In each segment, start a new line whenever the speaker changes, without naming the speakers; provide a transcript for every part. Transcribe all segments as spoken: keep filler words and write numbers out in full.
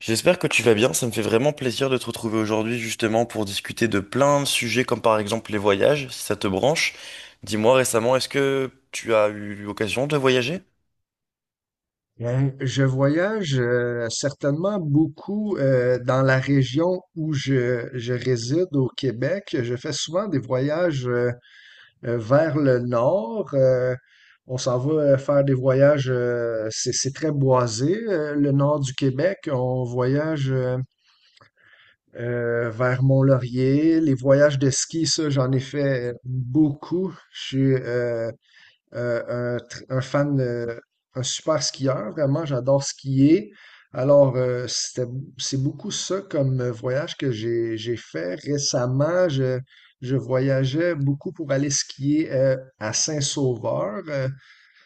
J'espère que tu vas bien, ça me fait vraiment plaisir de te retrouver aujourd'hui justement pour discuter de plein de sujets comme par exemple les voyages, si ça te branche. Dis-moi récemment, est-ce que tu as eu l'occasion de voyager?
Hein, je voyage euh, certainement beaucoup euh, dans la région où je, je réside au Québec. Je fais souvent des voyages euh, euh, vers le nord. Euh, on s'en va euh, faire des voyages, euh, c'est, c'est très boisé, euh, le nord du Québec. On voyage euh, euh, vers Mont-Laurier. Les voyages de ski, ça, j'en ai fait beaucoup. Je suis euh, euh, un, tr- un fan, euh, un super skieur, vraiment, j'adore skier. Alors, euh, c'était- c'est beaucoup ça comme euh, voyage que j'ai, j'ai fait récemment. Je, je voyageais beaucoup pour aller skier euh, à Saint-Sauveur. euh,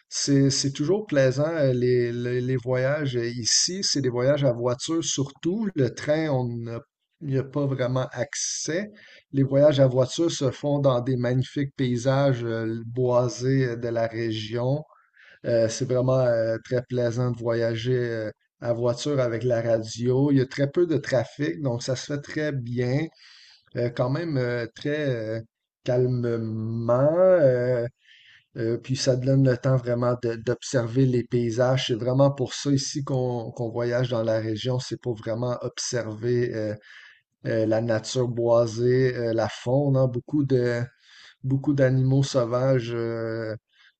c'est, C'est toujours plaisant, euh, les, les, les voyages euh, ici. C'est des voyages à voiture surtout. Le train, on n'a- n'y a pas vraiment accès. Les voyages à voiture se font dans des magnifiques paysages euh, boisés euh, de la région. Euh, c'est vraiment euh, très plaisant de voyager euh, à voiture avec la radio. Il y a très peu de trafic, donc ça se fait très bien. Euh, quand même euh, très euh, calmement. Euh, euh, puis ça donne le temps vraiment de- d'observer les paysages. C'est vraiment pour ça ici qu'on qu'on voyage dans la région, c'est pour vraiment observer euh, euh, la nature boisée, euh, la faune, hein. Beaucoup de beaucoup d'animaux sauvages euh,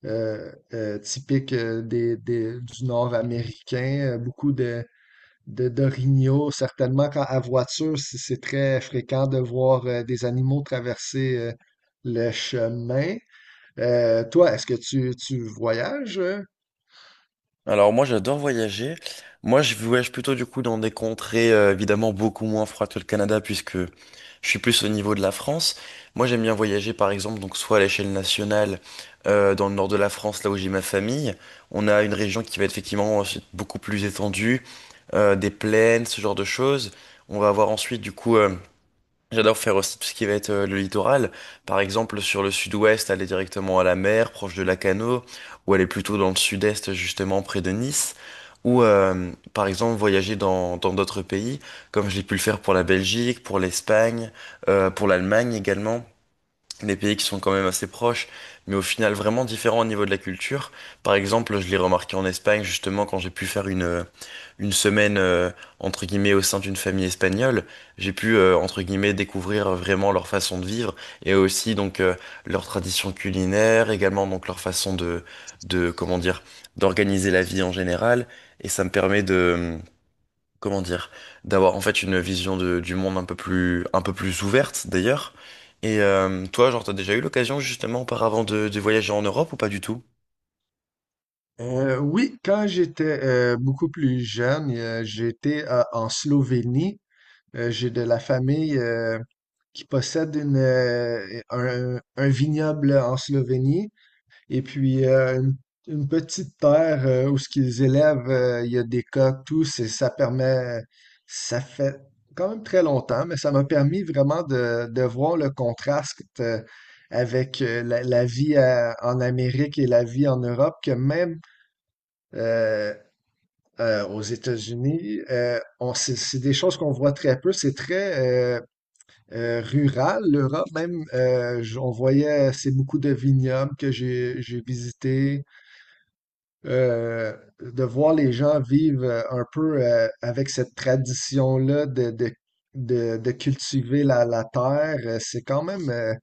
euh, euh, typiques euh, des, des- du nord américain, euh, beaucoup de de d'orignaux. Certainement, quand à voiture, c'est c'est très fréquent de voir euh, des animaux traverser euh, le chemin. Euh, toi, est-ce que tu, tu voyages?
Alors moi j'adore voyager. Moi je voyage plutôt du coup dans des contrées euh, évidemment beaucoup moins froides que le Canada puisque je suis plus au niveau de la France. Moi j'aime bien voyager par exemple donc soit à l'échelle nationale euh, dans le nord de la France là où j'ai ma famille. On a une région qui va être effectivement euh, beaucoup plus étendue. Euh, des plaines, ce genre de choses. On va avoir ensuite, du coup, euh, j'adore faire aussi tout ce qui va être euh, le littoral. Par exemple, sur le sud-ouest, aller directement à la mer, proche de Lacanau, ou aller plutôt dans le sud-est, justement, près de Nice. Ou, euh, par exemple, voyager dans dans d'autres pays, comme j'ai pu le faire pour la Belgique, pour l'Espagne, euh, pour l'Allemagne également, des pays qui sont quand même assez proches, mais au final vraiment différents au niveau de la culture. Par exemple, je l'ai remarqué en Espagne, justement, quand j'ai pu faire une, euh, une semaine, euh, entre guillemets, au sein d'une famille espagnole, j'ai pu, euh, entre guillemets, découvrir vraiment leur façon de vivre et aussi, donc, euh, leur tradition culinaire, également, donc, leur façon de, de, comment dire, d'organiser la vie en général. Et ça me permet de, comment dire, d'avoir en fait une vision de- du monde un peu plus, un peu plus ouverte d'ailleurs. Et euh, toi, genre, t'as déjà eu l'occasion justement auparavant de, de voyager en Europe ou pas du tout?
Euh, oui, quand j'étais euh, beaucoup plus jeune, euh, j'étais euh, en Slovénie. Euh, j'ai de la famille euh, qui possède une, euh, un, un vignoble en Slovénie. Et puis, euh, une, une petite terre euh, où ce qu'ils élèvent, euh, il y a des coques, tout, c'est- ça permet, ça fait quand même très longtemps, mais ça m'a permis vraiment de, de voir le contraste euh, avec euh, la, la vie à- en Amérique et la vie en Europe, que même euh, euh, aux États-Unis, euh, on, c'est c'est des choses qu'on voit très peu. C'est très euh, euh, rural, l'Europe même. Euh, j- on voyait, c'est beaucoup de vignobles que j'ai j'ai visités euh, de voir les gens vivre euh, un peu euh, avec cette tradition-là de, de, de, de cultiver la, la terre, euh, c'est quand même, euh,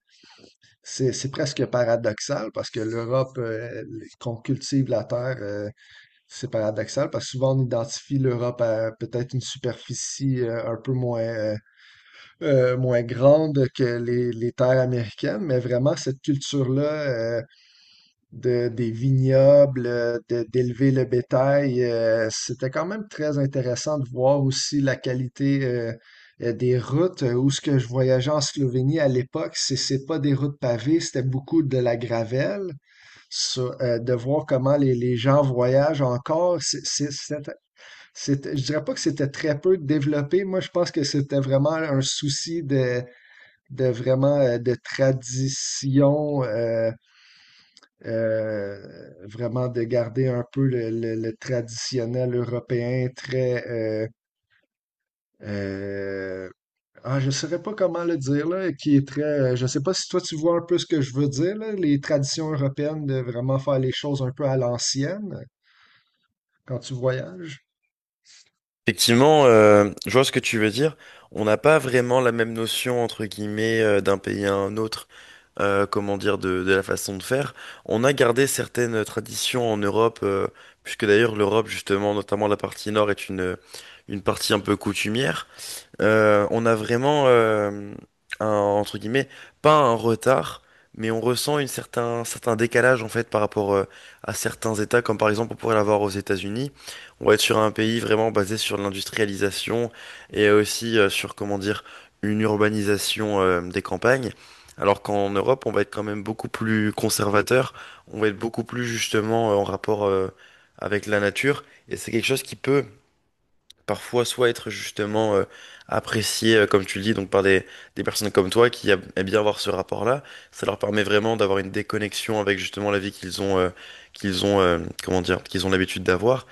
c'est, c'est presque paradoxal parce que l'Europe, euh, qu'on cultive la terre, euh, c'est paradoxal parce que souvent on identifie l'Europe à peut-être une superficie euh, un peu moins, euh, euh, moins grande que les, les terres américaines, mais vraiment cette culture-là, euh, de, des vignobles, euh, de- d'élever le bétail. Euh, c'était quand même très intéressant de voir aussi la qualité euh, euh, des routes. Euh, où ce que je voyageais en Slovénie à l'époque, c'est c'est pas des routes pavées, c'était beaucoup de la gravelle. Sur- euh, de voir comment les, les gens voyagent encore, c'est, c'est- c'était- c'était- je dirais pas que c'était très peu développé. Moi, je pense que c'était vraiment un souci de, de vraiment euh, de tradition. euh, euh, Vraiment de garder un peu le, le- le traditionnel européen très euh, euh, ah, je saurais pas comment le dire là, qui est très euh, je sais pas si toi tu vois un peu ce que je veux dire là, les traditions européennes de vraiment faire les choses un peu à l'ancienne quand tu voyages.
Effectivement, euh, je vois ce que tu veux dire. On n'a pas vraiment la même notion entre guillemets euh, d'un pays à un autre, euh, comment dire, de, de la façon de faire. On a gardé certaines traditions en Europe, euh, puisque d'ailleurs l'Europe justement, notamment la partie nord, est une une partie un peu coutumière. Euh, on a vraiment, euh, un, entre guillemets, pas un retard, mais on ressent une certain, un certain décalage en fait par rapport euh, à certains États, comme par exemple on pourrait l'avoir aux États-Unis. On va être sur un pays vraiment basé sur l'industrialisation et aussi euh, sur, comment dire, une urbanisation euh, des campagnes. Alors qu'en Europe, on va être quand même beaucoup plus conservateur, on va être beaucoup plus justement euh, en rapport euh, avec la nature, et c'est quelque chose qui peut parfois soit être justement euh, apprécié, euh, comme tu le dis, donc par des, des personnes comme toi qui a- aiment bien avoir ce rapport-là. Ça leur permet vraiment d'avoir une déconnexion avec justement la vie qu'ils ont, euh, qu'ils ont, euh, comment dire, qu'ils ont l'habitude d'avoir.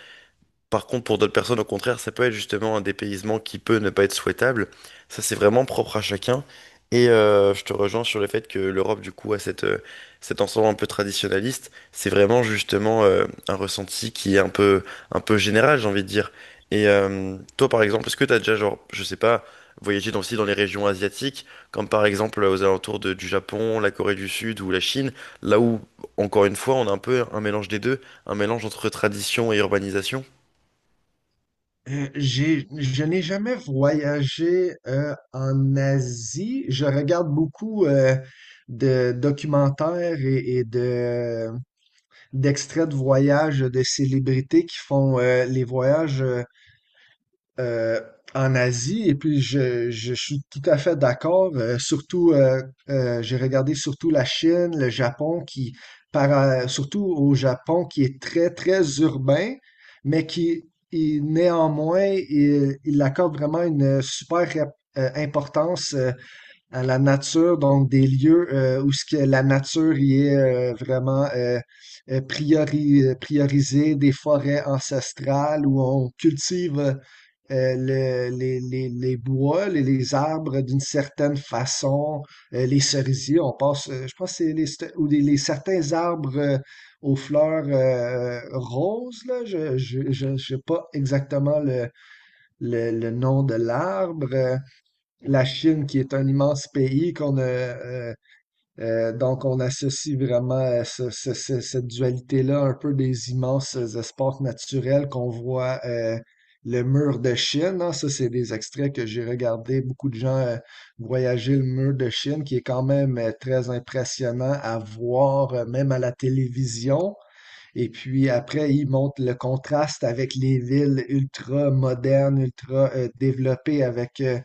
Par contre, pour d'autres personnes, au contraire, ça peut être justement un dépaysement qui peut ne pas être souhaitable. Ça, c'est vraiment propre à chacun. Et euh, je te rejoins sur le fait que l'Europe, du coup, a cette, euh, cet ensemble un peu traditionnaliste. C'est vraiment justement euh, un ressenti qui est un peu, un peu général, j'ai envie de dire. Et euh, toi, par exemple, est-ce que tu as déjà, genre, je sais pas, voyagé dans, aussi dans les régions asiatiques, comme par exemple euh, aux alentours de- du Japon, la Corée du Sud ou la Chine, là où, encore une fois, on a un peu un mélange des deux, un mélange entre tradition et urbanisation?
Euh, j'ai, je n'ai jamais voyagé euh, en Asie. Je regarde beaucoup euh, de documentaires et, et de d'extraits de voyages de célébrités qui font euh, les voyages euh, euh, en Asie. Et puis, je, je suis tout à fait d'accord. Euh, surtout, euh, euh, j'ai regardé surtout la Chine, le Japon, qui, par, euh, surtout au Japon, qui est très, très urbain, mais qui, il- néanmoins, il, il accorde vraiment une super rep- euh, importance euh, à la nature, donc des lieux euh, où ce que la nature y est euh, vraiment euh, euh, priori- euh, priorisée, des forêts ancestrales où on cultive euh, euh, le- les, les- les bois, les, les arbres d'une certaine façon, euh, les cerisiers, on passe, euh, je pense que c'est les, st- ou des- les certains arbres euh, aux fleurs euh, roses, là, je, je, je, je sais pas exactement le, le, le nom de l'arbre. Euh, la Chine, qui est un immense pays, qu'on a, euh, euh, donc on associe vraiment euh, ce- ce- ce- cette dualité-là un peu des immenses espaces naturels qu'on voit euh, le mur de Chine, hein. Ça, c'est des extraits que j'ai regardés. Beaucoup de gens euh, voyager le mur de Chine, qui est quand même euh, très impressionnant à voir, euh, même à la télévision. Et puis après, il montre le contraste avec les villes ultra modernes, ultra euh, développées, avec euh,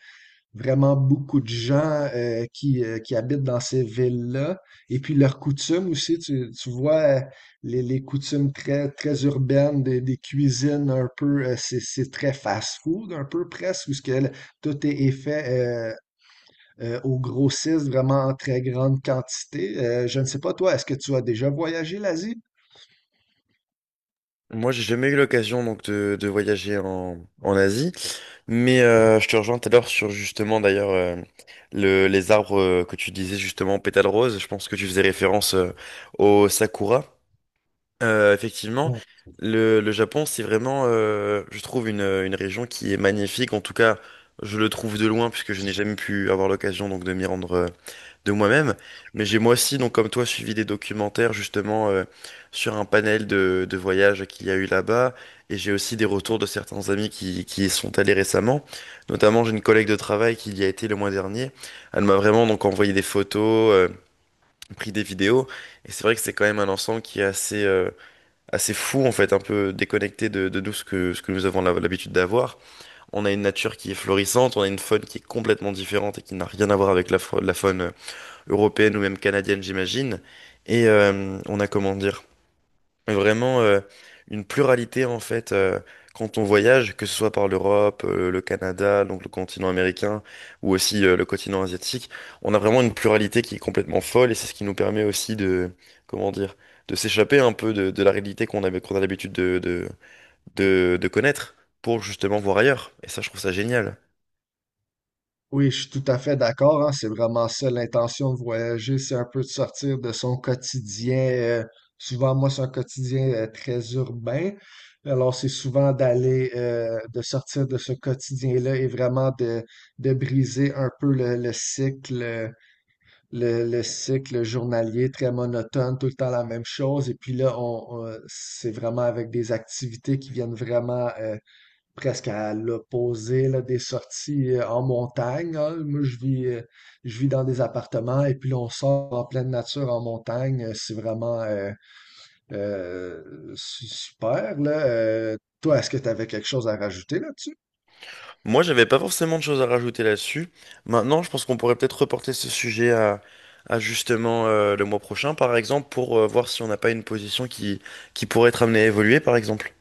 vraiment beaucoup de gens euh, qui, euh, qui habitent dans ces villes-là. Et puis leurs coutumes aussi, tu, tu vois euh, les, les coutumes très, très urbaines des, des cuisines un peu, euh, c'est, c'est très fast-food un peu presque, où ce que le- tout est, est fait euh, euh, aux grossistes vraiment en très grande quantité. Euh, je ne sais pas, toi, est-ce que tu as déjà voyagé l'Asie?
Moi, j'ai jamais eu l'occasion donc de, de voyager en, en Asie, mais euh, je te rejoins tout à l'heure sur justement d'ailleurs euh, le, les arbres euh, que tu disais justement pétales roses. Je pense que tu faisais référence euh, au sakura. Euh, effectivement, le, le Japon, c'est vraiment, euh, je trouve une, une région qui est magnifique. En tout cas, je le trouve de loin puisque je n'ai jamais pu avoir l'occasion donc de m'y rendre euh, de moi-même, mais j'ai moi aussi, donc comme toi, suivi des documentaires justement euh, sur un panel de, de voyages qu'il y a eu là-bas, et j'ai aussi des retours de certains amis qui, qui y sont allés récemment. Notamment, j'ai une collègue de travail qui y a été le mois dernier. Elle m'a vraiment donc envoyé des photos, euh, pris des vidéos, et c'est vrai que c'est quand même un ensemble qui est assez euh, assez fou en fait, un peu déconnecté de, de nous ce que ce que nous avons l'hab- l'habitude d'avoir. On a une nature qui est florissante, on a une faune qui est complètement différente et qui n'a rien à voir avec la, fa- la faune européenne ou même canadienne, j'imagine. Et euh, on a, comment dire, vraiment euh, une pluralité, en fait, euh, quand on voyage, que ce soit par l'Europe, euh, le Canada, donc le continent américain, ou aussi euh, le continent asiatique, on a vraiment une pluralité qui est complètement folle, et c'est ce qui nous permet aussi de, comment dire, de s'échapper un peu de, de la réalité qu'on avait, qu'on a l'habitude de, de, de, de connaître pour justement voir ailleurs. Et ça, je trouve ça génial.
Oui, je suis tout à fait d'accord, hein, c'est vraiment ça l'intention de voyager, c'est un peu de sortir de son quotidien. euh, Souvent, moi, c'est un quotidien euh, très urbain. Alors, c'est souvent d'aller, euh, de sortir de ce quotidien-là et vraiment de, de briser un peu le, le cycle, euh, le, le cycle journalier très monotone, tout le temps la même chose. Et puis là, on, on- c'est vraiment avec des activités qui viennent vraiment euh, presque à l'opposé là, des sorties euh, en montagne, hein. Moi, je vis, euh, je vis dans des appartements et puis là, on sort en pleine nature en montagne. Euh, C'est vraiment euh, euh, su- super, là. Euh, toi, est-ce que tu avais quelque chose à rajouter là-dessus?
Moi, j'avais pas forcément de choses à rajouter là-dessus. Maintenant, je pense qu'on pourrait peut-être reporter ce sujet à, à justement euh, le mois prochain, par exemple, pour euh, voir si on n'a pas une position qui, qui pourrait être amenée à évoluer, par exemple.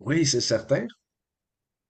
Oui, c'est certain.